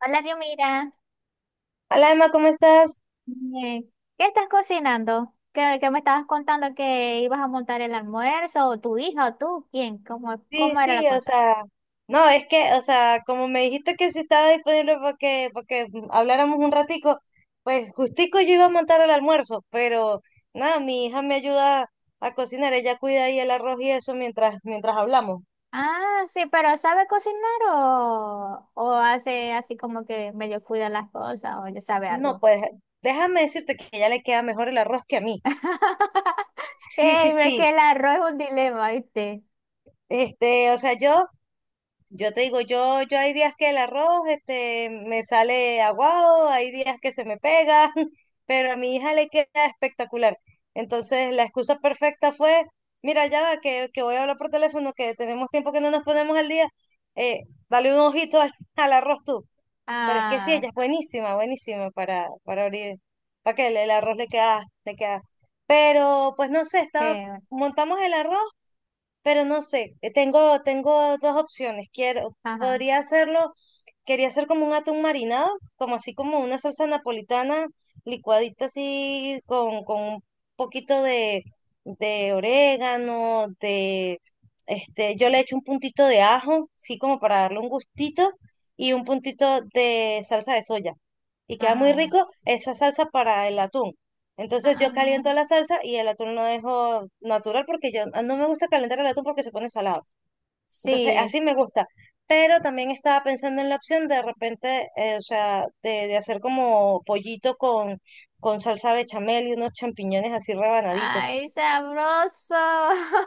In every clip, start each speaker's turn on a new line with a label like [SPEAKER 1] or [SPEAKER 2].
[SPEAKER 1] Hola, Diomira.
[SPEAKER 2] Hola Emma, ¿cómo estás?
[SPEAKER 1] Eh, ¿Qué estás cocinando? ¿Qué me estabas contando que ibas a montar el almuerzo? ¿O tu hija o tú? ¿Quién? ¿Cómo,
[SPEAKER 2] Sí,
[SPEAKER 1] cómo era la
[SPEAKER 2] sí, o
[SPEAKER 1] cosa?
[SPEAKER 2] sea, no, es que, o sea, como me dijiste que si estaba disponible porque habláramos un ratico, pues justico yo iba a montar el almuerzo, pero nada, mi hija me ayuda a cocinar, ella cuida ahí el arroz y eso mientras hablamos.
[SPEAKER 1] Ah, sí, pero ¿sabe cocinar o hace así como que medio cuida las cosas o ya sabe
[SPEAKER 2] No,
[SPEAKER 1] algo?
[SPEAKER 2] pues déjame decirte que ya le queda mejor el arroz que a mí. Sí, sí,
[SPEAKER 1] Ey, ve
[SPEAKER 2] sí.
[SPEAKER 1] que el arroz es un dilema, ¿viste?
[SPEAKER 2] O sea, yo te digo, yo hay días que el arroz este, me sale aguado, hay días que se me pega, pero a mi hija le queda espectacular. Entonces, la excusa perfecta fue, mira, ya va, que voy a hablar por teléfono, que tenemos tiempo que no nos ponemos al día, eh, dale un ojito al, al arroz tú. Pero es que sí,
[SPEAKER 1] Ah,
[SPEAKER 2] ella es buenísima, buenísima para abrir, para que el arroz le queda, le queda. Pero, pues no sé, estaba,
[SPEAKER 1] qué,
[SPEAKER 2] montamos el arroz pero no sé, tengo dos opciones. Quiero,
[SPEAKER 1] ajá,
[SPEAKER 2] podría hacerlo, quería hacer como un atún marinado, como así como una salsa napolitana licuadita así con un poquito de orégano, yo le echo un puntito de ajo, sí, como para darle un gustito, y un puntito de salsa de soya. Y queda muy
[SPEAKER 1] ah,
[SPEAKER 2] rico esa salsa para el atún. Entonces yo
[SPEAKER 1] ah,
[SPEAKER 2] caliento la salsa y el atún lo dejo natural porque no me gusta calentar el atún porque se pone salado. Entonces
[SPEAKER 1] sí.
[SPEAKER 2] así me gusta. Pero también estaba pensando en la opción de repente, o sea, de hacer como pollito con salsa bechamel y unos champiñones así rebanaditos.
[SPEAKER 1] Ay, sabroso.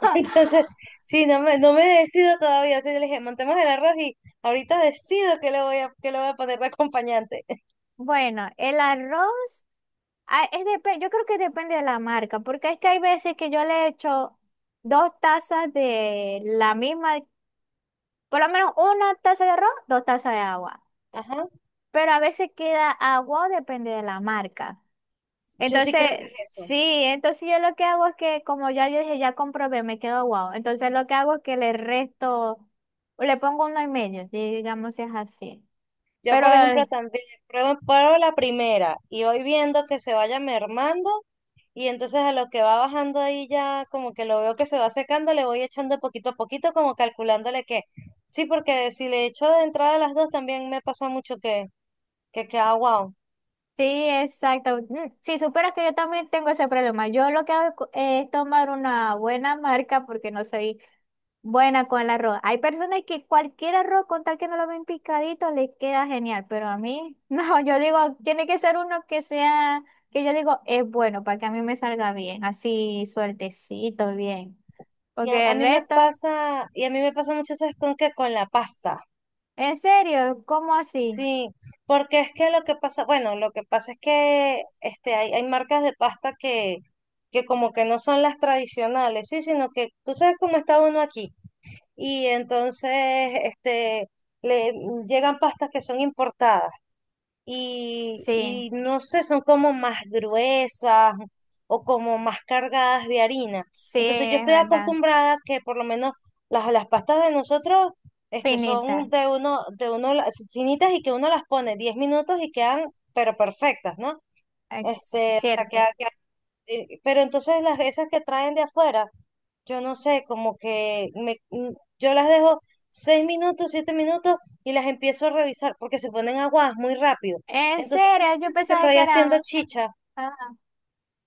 [SPEAKER 2] Entonces, sí, no me decido todavía. Así que le dije, montemos el arroz y ahorita decido qué le voy a poner de acompañante.
[SPEAKER 1] Bueno, el arroz, ah, es yo creo que depende de la marca, porque es que hay veces que yo le echo dos tazas de la misma, por lo menos una taza de arroz, dos tazas de agua,
[SPEAKER 2] Ajá,
[SPEAKER 1] pero a veces queda agua, depende de la marca.
[SPEAKER 2] yo sí creo que
[SPEAKER 1] Entonces,
[SPEAKER 2] es eso.
[SPEAKER 1] sí, entonces yo lo que hago es que, como ya yo dije, ya comprobé, me quedo agua. Entonces lo que hago es que le resto, le pongo uno y medio, digamos si es así.
[SPEAKER 2] Yo,
[SPEAKER 1] Pero
[SPEAKER 2] por ejemplo, también pruebo la primera y voy viendo que se vaya mermando y entonces a lo que va bajando ahí ya como que lo veo que se va secando, le voy echando poquito a poquito como calculándole que sí, porque si le echo de entrada a las dos también me pasa mucho que queda wow.
[SPEAKER 1] sí, exacto. Mm, si supieras que yo también tengo ese problema. Yo lo que hago es tomar una buena marca porque no soy buena con el arroz. Hay personas que cualquier arroz, con tal que no lo ven picadito, les queda genial, pero a mí no, yo digo, tiene que ser uno que sea, que yo digo, es bueno para que a mí me salga bien, así suertecito, bien.
[SPEAKER 2] Y a,
[SPEAKER 1] Porque
[SPEAKER 2] a
[SPEAKER 1] el
[SPEAKER 2] mí me
[SPEAKER 1] resto,
[SPEAKER 2] pasa y a mí me pasa mucho eso es con la pasta.
[SPEAKER 1] en serio, ¿cómo así?
[SPEAKER 2] Sí, porque es que lo que pasa, bueno, lo que pasa es que hay marcas de pasta que como que no son las tradicionales, sí, sino que tú sabes cómo está uno aquí. Y entonces, este, le llegan pastas que son importadas y,
[SPEAKER 1] Sí,
[SPEAKER 2] y no sé, son como más gruesas o como más cargadas de harina.
[SPEAKER 1] sí,
[SPEAKER 2] Entonces yo
[SPEAKER 1] es
[SPEAKER 2] estoy
[SPEAKER 1] verdad,
[SPEAKER 2] acostumbrada que por lo menos las pastas de nosotros son
[SPEAKER 1] finita,
[SPEAKER 2] de uno, las finitas y que uno las pone 10 minutos y quedan pero perfectas, ¿no?
[SPEAKER 1] es
[SPEAKER 2] Este, hasta
[SPEAKER 1] cierto.
[SPEAKER 2] pero entonces las esas que traen de afuera yo no sé, como que yo las dejo 6 minutos, 7 minutos y las empiezo a revisar porque se ponen aguadas muy rápido.
[SPEAKER 1] En
[SPEAKER 2] Entonces yo
[SPEAKER 1] serio,
[SPEAKER 2] me
[SPEAKER 1] yo
[SPEAKER 2] siento que
[SPEAKER 1] pensaba
[SPEAKER 2] estoy
[SPEAKER 1] que
[SPEAKER 2] haciendo
[SPEAKER 1] era...
[SPEAKER 2] chicha,
[SPEAKER 1] Ah,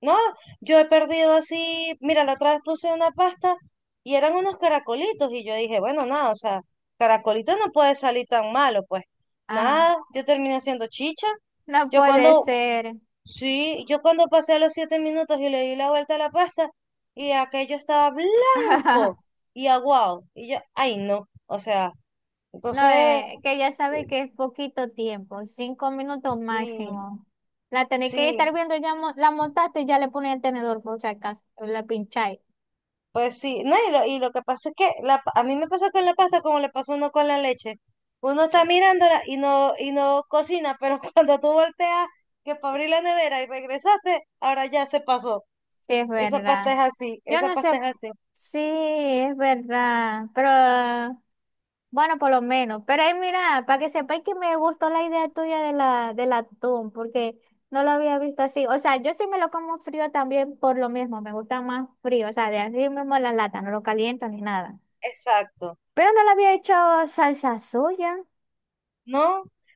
[SPEAKER 2] ¿no? Yo he perdido así, mira, la otra vez puse una pasta y eran unos caracolitos y yo dije, bueno, nada, o sea, caracolito no puede salir tan malo, pues
[SPEAKER 1] ah,
[SPEAKER 2] nada, yo terminé haciendo chicha.
[SPEAKER 1] no
[SPEAKER 2] Yo
[SPEAKER 1] puede
[SPEAKER 2] cuando,
[SPEAKER 1] ser.
[SPEAKER 2] Sí, yo cuando pasé los 7 minutos y le di la vuelta a la pasta y aquello estaba blanco y aguado. Y yo, ay no, o sea,
[SPEAKER 1] No,
[SPEAKER 2] entonces,
[SPEAKER 1] que ya sabe que es poquito tiempo, 5 minutos
[SPEAKER 2] sí,
[SPEAKER 1] máximo. La tenéis que
[SPEAKER 2] sí,
[SPEAKER 1] estar viendo, ya la montaste y ya le pones el tenedor por si acaso, la pincháis.
[SPEAKER 2] pues sí. No, y lo que pasa es que a mí me pasa con la pasta como le pasó a uno con la leche. Uno está mirándola y no cocina, pero cuando tú volteas que para abrir la nevera y regresaste, ahora ya se pasó.
[SPEAKER 1] Sí, es
[SPEAKER 2] Esa
[SPEAKER 1] verdad.
[SPEAKER 2] pasta es así,
[SPEAKER 1] Yo
[SPEAKER 2] esa
[SPEAKER 1] no
[SPEAKER 2] pasta
[SPEAKER 1] sé.
[SPEAKER 2] es así.
[SPEAKER 1] Sí, es verdad. Pero bueno, por lo menos. Pero ahí mira, para que sepáis que me gustó la idea tuya de la, del atún, porque no lo había visto así. O sea, yo sí me lo como frío también por lo mismo, me gusta más frío. O sea, de así mismo la lata, no lo caliento ni nada.
[SPEAKER 2] Exacto.
[SPEAKER 1] Pero no le había hecho salsa soya.
[SPEAKER 2] No,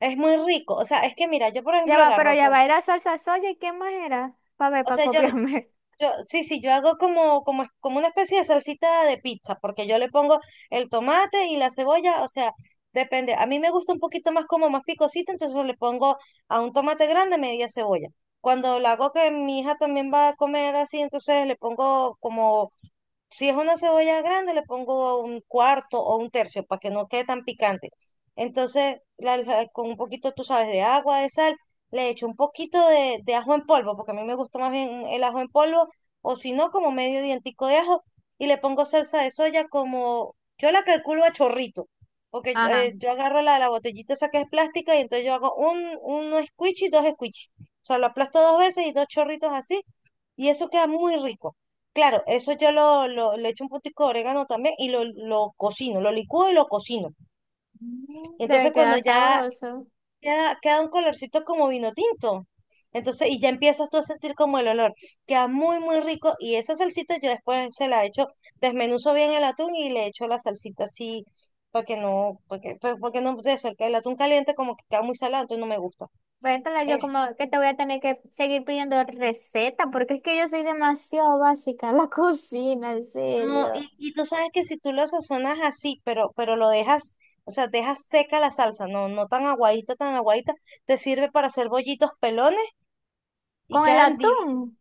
[SPEAKER 2] es muy rico. O sea, es que mira, yo por
[SPEAKER 1] Ya
[SPEAKER 2] ejemplo
[SPEAKER 1] va, pero
[SPEAKER 2] agarro
[SPEAKER 1] ya
[SPEAKER 2] todo.
[SPEAKER 1] va, era salsa soya y qué más era. Para ver,
[SPEAKER 2] O
[SPEAKER 1] para
[SPEAKER 2] sea,
[SPEAKER 1] copiarme.
[SPEAKER 2] sí, sí, yo hago como una especie de salsita de pizza, porque yo le pongo el tomate y la cebolla, o sea, depende. A mí me gusta un poquito más como más picosita, entonces yo le pongo a un tomate grande media cebolla. Cuando la hago que mi hija también va a comer así, entonces le pongo como si es una cebolla grande, le pongo un cuarto o un tercio para que no quede tan picante. Entonces, con un poquito, tú sabes, de agua, de sal, le echo un poquito de ajo en polvo, porque a mí me gusta más bien el ajo en polvo, o si no, como medio dientico de ajo, y le pongo salsa de soya como, yo la calculo a chorrito, porque
[SPEAKER 1] Ajá.
[SPEAKER 2] yo agarro la botellita esa que es plástica y entonces yo hago uno squishy y dos squishy. O sea, lo aplasto dos veces y dos chorritos así, y eso queda muy rico. Claro, eso yo le echo un puntico de orégano también y lo cocino, lo licúo y lo cocino.
[SPEAKER 1] Mm,
[SPEAKER 2] Y
[SPEAKER 1] debe
[SPEAKER 2] entonces cuando
[SPEAKER 1] quedar
[SPEAKER 2] ya
[SPEAKER 1] sabroso.
[SPEAKER 2] queda un colorcito como vino tinto, entonces y ya empiezas tú a sentir como el olor, queda muy, muy rico y esa salsita yo después se la echo, desmenuzo bien el atún y le echo la salsita así para que no, porque no, de eso, el que el atún caliente como que queda muy salado, entonces no me gusta.
[SPEAKER 1] Vétala, yo como que te voy a tener que seguir pidiendo receta, porque es que yo soy demasiado básica en la cocina, en
[SPEAKER 2] No,
[SPEAKER 1] serio.
[SPEAKER 2] y tú sabes que si tú lo sazonas así, pero lo dejas, o sea, dejas seca la salsa, no, no tan aguadita, tan aguadita, te sirve para hacer bollitos pelones y
[SPEAKER 1] Con el
[SPEAKER 2] quedan divinos.
[SPEAKER 1] atún,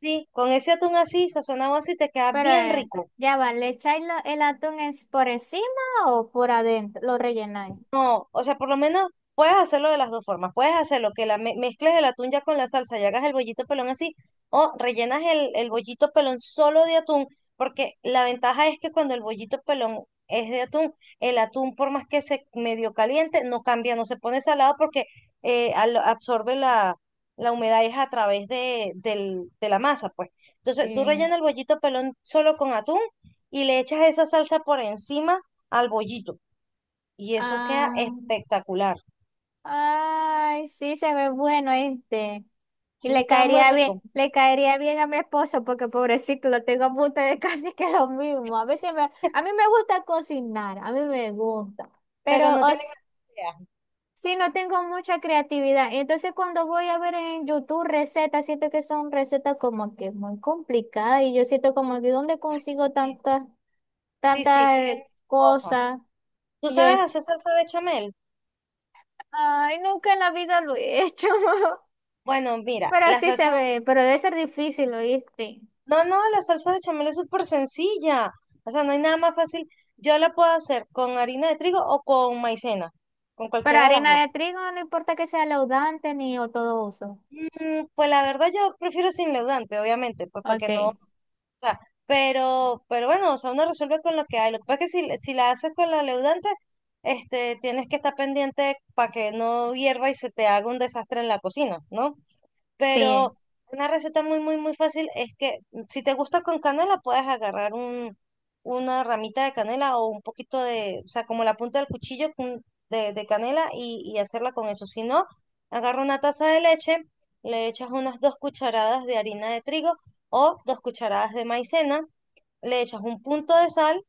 [SPEAKER 2] Sí, con ese atún así, sazonado así, te queda
[SPEAKER 1] pero
[SPEAKER 2] bien rico.
[SPEAKER 1] ya va, ¿le echáis el atún es por encima o por adentro? Lo rellenáis.
[SPEAKER 2] No, o sea, por lo menos puedes hacerlo de las dos formas. Puedes hacerlo que mezcles el atún ya con la salsa y hagas el bollito pelón así, o rellenas el bollito pelón solo de atún, porque la ventaja es que cuando el bollito pelón es de atún, el atún, por más que se medio caliente, no cambia, no se pone salado porque absorbe la humedad es a través de la masa, pues. Entonces, tú
[SPEAKER 1] Eh,
[SPEAKER 2] rellenas el bollito pelón solo con atún y le echas esa salsa por encima al bollito. Y eso queda
[SPEAKER 1] ah,
[SPEAKER 2] espectacular.
[SPEAKER 1] Ay, sí, se ve bueno este. Y
[SPEAKER 2] Sí, queda muy rico.
[SPEAKER 1] le caería bien a mi esposo porque pobrecito, lo tengo a punto de casi que lo mismo. A veces me, a mí me gusta cocinar, a mí me gusta,
[SPEAKER 2] Pero
[SPEAKER 1] pero
[SPEAKER 2] no tiene cantidad.
[SPEAKER 1] sí, no tengo mucha creatividad. Entonces cuando voy a ver en YouTube recetas, siento que son recetas como que muy complicadas y yo siento como que ¿dónde consigo
[SPEAKER 2] Sí,
[SPEAKER 1] tantas
[SPEAKER 2] sí, sí, queda
[SPEAKER 1] tantas
[SPEAKER 2] muchas cosas.
[SPEAKER 1] cosas?
[SPEAKER 2] ¿Tú
[SPEAKER 1] Y yo
[SPEAKER 2] sabes
[SPEAKER 1] es,
[SPEAKER 2] hacer salsa bechamel?
[SPEAKER 1] ay, nunca en la vida lo he hecho.
[SPEAKER 2] Bueno, mira,
[SPEAKER 1] Pero
[SPEAKER 2] la
[SPEAKER 1] sí se
[SPEAKER 2] salsa.
[SPEAKER 1] ve, pero debe ser difícil, ¿oíste?
[SPEAKER 2] No, no, la salsa bechamel es súper sencilla. O sea, no hay nada más fácil. Yo la puedo hacer con harina de trigo o con maicena. Con
[SPEAKER 1] Pero
[SPEAKER 2] cualquiera de las
[SPEAKER 1] harina
[SPEAKER 2] dos.
[SPEAKER 1] de trigo no importa que sea laudante ni o todo uso.
[SPEAKER 2] Pues la verdad, yo prefiero sin leudante, obviamente, pues para que
[SPEAKER 1] Ok,
[SPEAKER 2] no O sea, pero bueno, o sea, uno resuelve con lo que hay. Lo que pasa es que si la haces con la leudante, tienes que estar pendiente para que no hierva y se te haga un desastre en la cocina, ¿no?
[SPEAKER 1] sí.
[SPEAKER 2] Pero una receta muy, muy, muy fácil es que si te gusta con canela, puedes agarrar un, una ramita de canela o un poquito de, o sea, como la punta del cuchillo de canela y hacerla con eso. Si no, agarra una taza de leche, le echas unas 2 cucharadas de harina de trigo o 2 cucharadas de maicena, le echas un punto de sal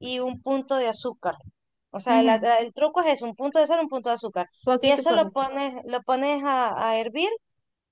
[SPEAKER 2] y un punto de azúcar. O sea,
[SPEAKER 1] Ujú,
[SPEAKER 2] el truco es eso, un punto de sal, un punto de azúcar. Y
[SPEAKER 1] poquito y
[SPEAKER 2] eso lo
[SPEAKER 1] poquito.
[SPEAKER 2] pones, lo pones a hervir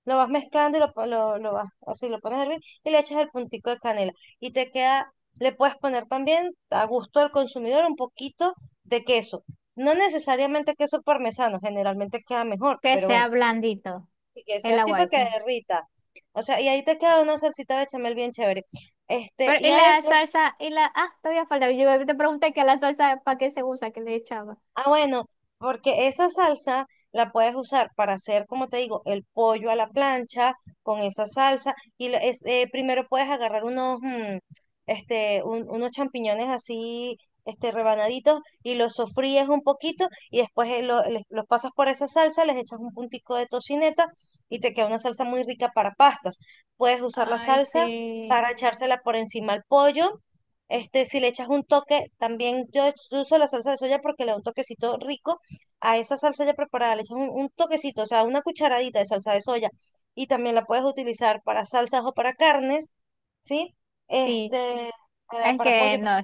[SPEAKER 2] lo vas mezclando y lo vas, así lo pones a hervir y le echas el puntico de canela. Y te queda, le puedes poner también a gusto al consumidor un poquito de queso. No necesariamente queso parmesano, generalmente queda mejor,
[SPEAKER 1] Que
[SPEAKER 2] pero bueno,
[SPEAKER 1] sea blandito
[SPEAKER 2] y que sea
[SPEAKER 1] el
[SPEAKER 2] así para que
[SPEAKER 1] aguacate.
[SPEAKER 2] derrita. O sea, y ahí te queda una salsita bechamel bien chévere. Este,
[SPEAKER 1] Pero,
[SPEAKER 2] y
[SPEAKER 1] y
[SPEAKER 2] a
[SPEAKER 1] la
[SPEAKER 2] eso
[SPEAKER 1] salsa, y la, ah, todavía falta. Yo te pregunté que la salsa, ¿para qué se usa? ¿Qué le echaba?
[SPEAKER 2] Bueno, porque esa salsa la puedes usar para hacer, como te digo, el pollo a la plancha con esa salsa. Y primero puedes agarrar unos champiñones así, rebanaditos y los sofríes un poquito y después los pasas por esa salsa, les echas un puntico de tocineta y te queda una salsa muy rica para pastas. Puedes usar la
[SPEAKER 1] Ay,
[SPEAKER 2] salsa para
[SPEAKER 1] sí.
[SPEAKER 2] echársela por encima al pollo este, si le echas un toque, también yo uso la salsa de soya porque le da un toquecito rico a esa salsa ya preparada, le echas un toquecito, o sea, una cucharadita de salsa de soya y también la puedes utilizar para salsas o para carnes, ¿sí?
[SPEAKER 1] Sí,
[SPEAKER 2] Este, para,
[SPEAKER 1] es
[SPEAKER 2] para
[SPEAKER 1] que
[SPEAKER 2] pollo, para
[SPEAKER 1] no,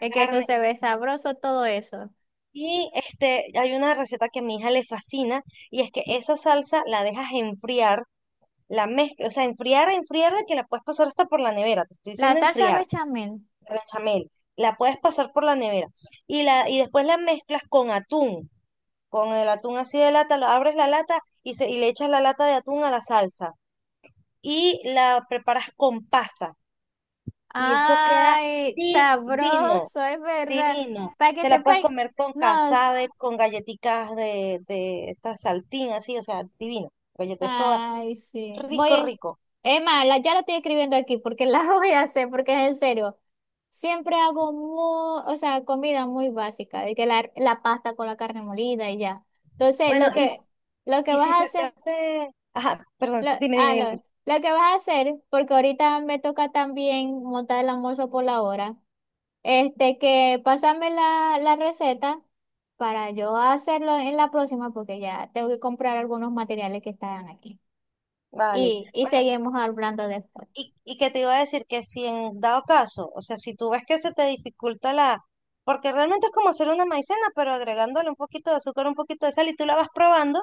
[SPEAKER 1] es que eso
[SPEAKER 2] carne.
[SPEAKER 1] se ve sabroso, todo eso.
[SPEAKER 2] Y hay una receta que a mi hija le fascina y es que esa salsa la dejas enfriar, la mezclas, o sea, enfriar, enfriar de que la puedes pasar hasta por la nevera, te estoy
[SPEAKER 1] La
[SPEAKER 2] diciendo
[SPEAKER 1] salsa
[SPEAKER 2] enfriar.
[SPEAKER 1] bechamel.
[SPEAKER 2] Bechamel, la puedes pasar por la nevera y después la mezclas con atún, con el atún así de lata, abres la lata y le echas la lata de atún a la salsa y la preparas con pasta y eso queda
[SPEAKER 1] Ay,
[SPEAKER 2] divino,
[SPEAKER 1] sabroso, es verdad.
[SPEAKER 2] divino.
[SPEAKER 1] Para que
[SPEAKER 2] Te la puedes
[SPEAKER 1] sepáis,
[SPEAKER 2] comer con
[SPEAKER 1] nos.
[SPEAKER 2] casabe, con galletitas de esta saltín así, o sea, divino, galleta de soda,
[SPEAKER 1] Ay, sí.
[SPEAKER 2] rico,
[SPEAKER 1] Voy.
[SPEAKER 2] rico.
[SPEAKER 1] Es más, ya la estoy escribiendo aquí porque la voy a hacer, porque es en serio. Siempre hago muy, o sea, comida muy básica, de que la pasta con la carne molida y ya. Entonces,
[SPEAKER 2] Bueno, y,
[SPEAKER 1] lo que
[SPEAKER 2] y
[SPEAKER 1] vas
[SPEAKER 2] si
[SPEAKER 1] a
[SPEAKER 2] se te
[SPEAKER 1] hacer,
[SPEAKER 2] hace... Ajá, perdón,
[SPEAKER 1] lo,
[SPEAKER 2] dime, dime,
[SPEAKER 1] ah,
[SPEAKER 2] dime.
[SPEAKER 1] lo que vas a hacer, porque ahorita me toca también montar el almuerzo por la hora, este, que pásame la, la receta. Para yo hacerlo en la próxima porque ya tengo que comprar algunos materiales que están aquí.
[SPEAKER 2] Vale.
[SPEAKER 1] Y seguimos hablando después.
[SPEAKER 2] Y que te iba a decir que si en dado caso, o sea, si tú ves que se te dificulta la, porque realmente es como hacer una maicena, pero agregándole un poquito de azúcar, un poquito de sal y tú la vas probando,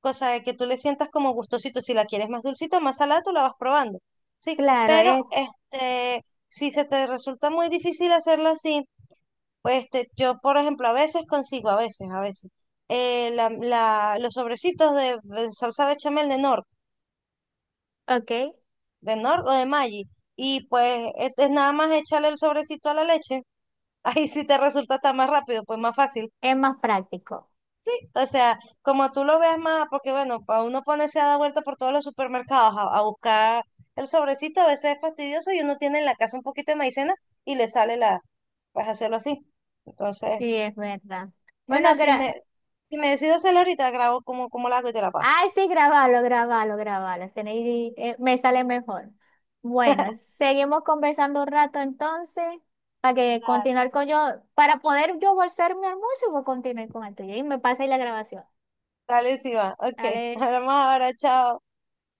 [SPEAKER 2] cosa de que tú le sientas como gustosito, si la quieres más dulcita, más salada, tú la vas probando, ¿sí?
[SPEAKER 1] Claro,
[SPEAKER 2] Pero
[SPEAKER 1] es,
[SPEAKER 2] si se te resulta muy difícil hacerlo así, pues yo, por ejemplo, a veces consigo, los sobrecitos de salsa bechamel de Nor
[SPEAKER 1] ok,
[SPEAKER 2] de Nord o de Maggi. Y pues es, nada más echarle el sobrecito a la leche. Ahí sí te resulta hasta más rápido, pues más fácil.
[SPEAKER 1] es más práctico.
[SPEAKER 2] Sí, o sea, como tú lo veas más, porque bueno, para uno ponerse a dar vuelta por todos los supermercados a buscar el sobrecito, a veces es fastidioso y uno tiene en la casa un poquito de maicena y le sale la, pues hacerlo así. Entonces,
[SPEAKER 1] Sí, es verdad.
[SPEAKER 2] es
[SPEAKER 1] Bueno,
[SPEAKER 2] más, si me, si me decido hacerlo ahorita, grabo como la hago y te la paso.
[SPEAKER 1] ay, sí, grabalo, grabalo, grabalo. Tenéis, me sale mejor. Bueno, seguimos conversando un rato entonces para que
[SPEAKER 2] Dale,
[SPEAKER 1] continuar con yo, para poder yo bolsar mi almuerzo, voy a continuar con el tuyo y me pasa ahí la grabación.
[SPEAKER 2] dale, sí va. Ok,
[SPEAKER 1] Dale.
[SPEAKER 2] hablamos ahora, chao.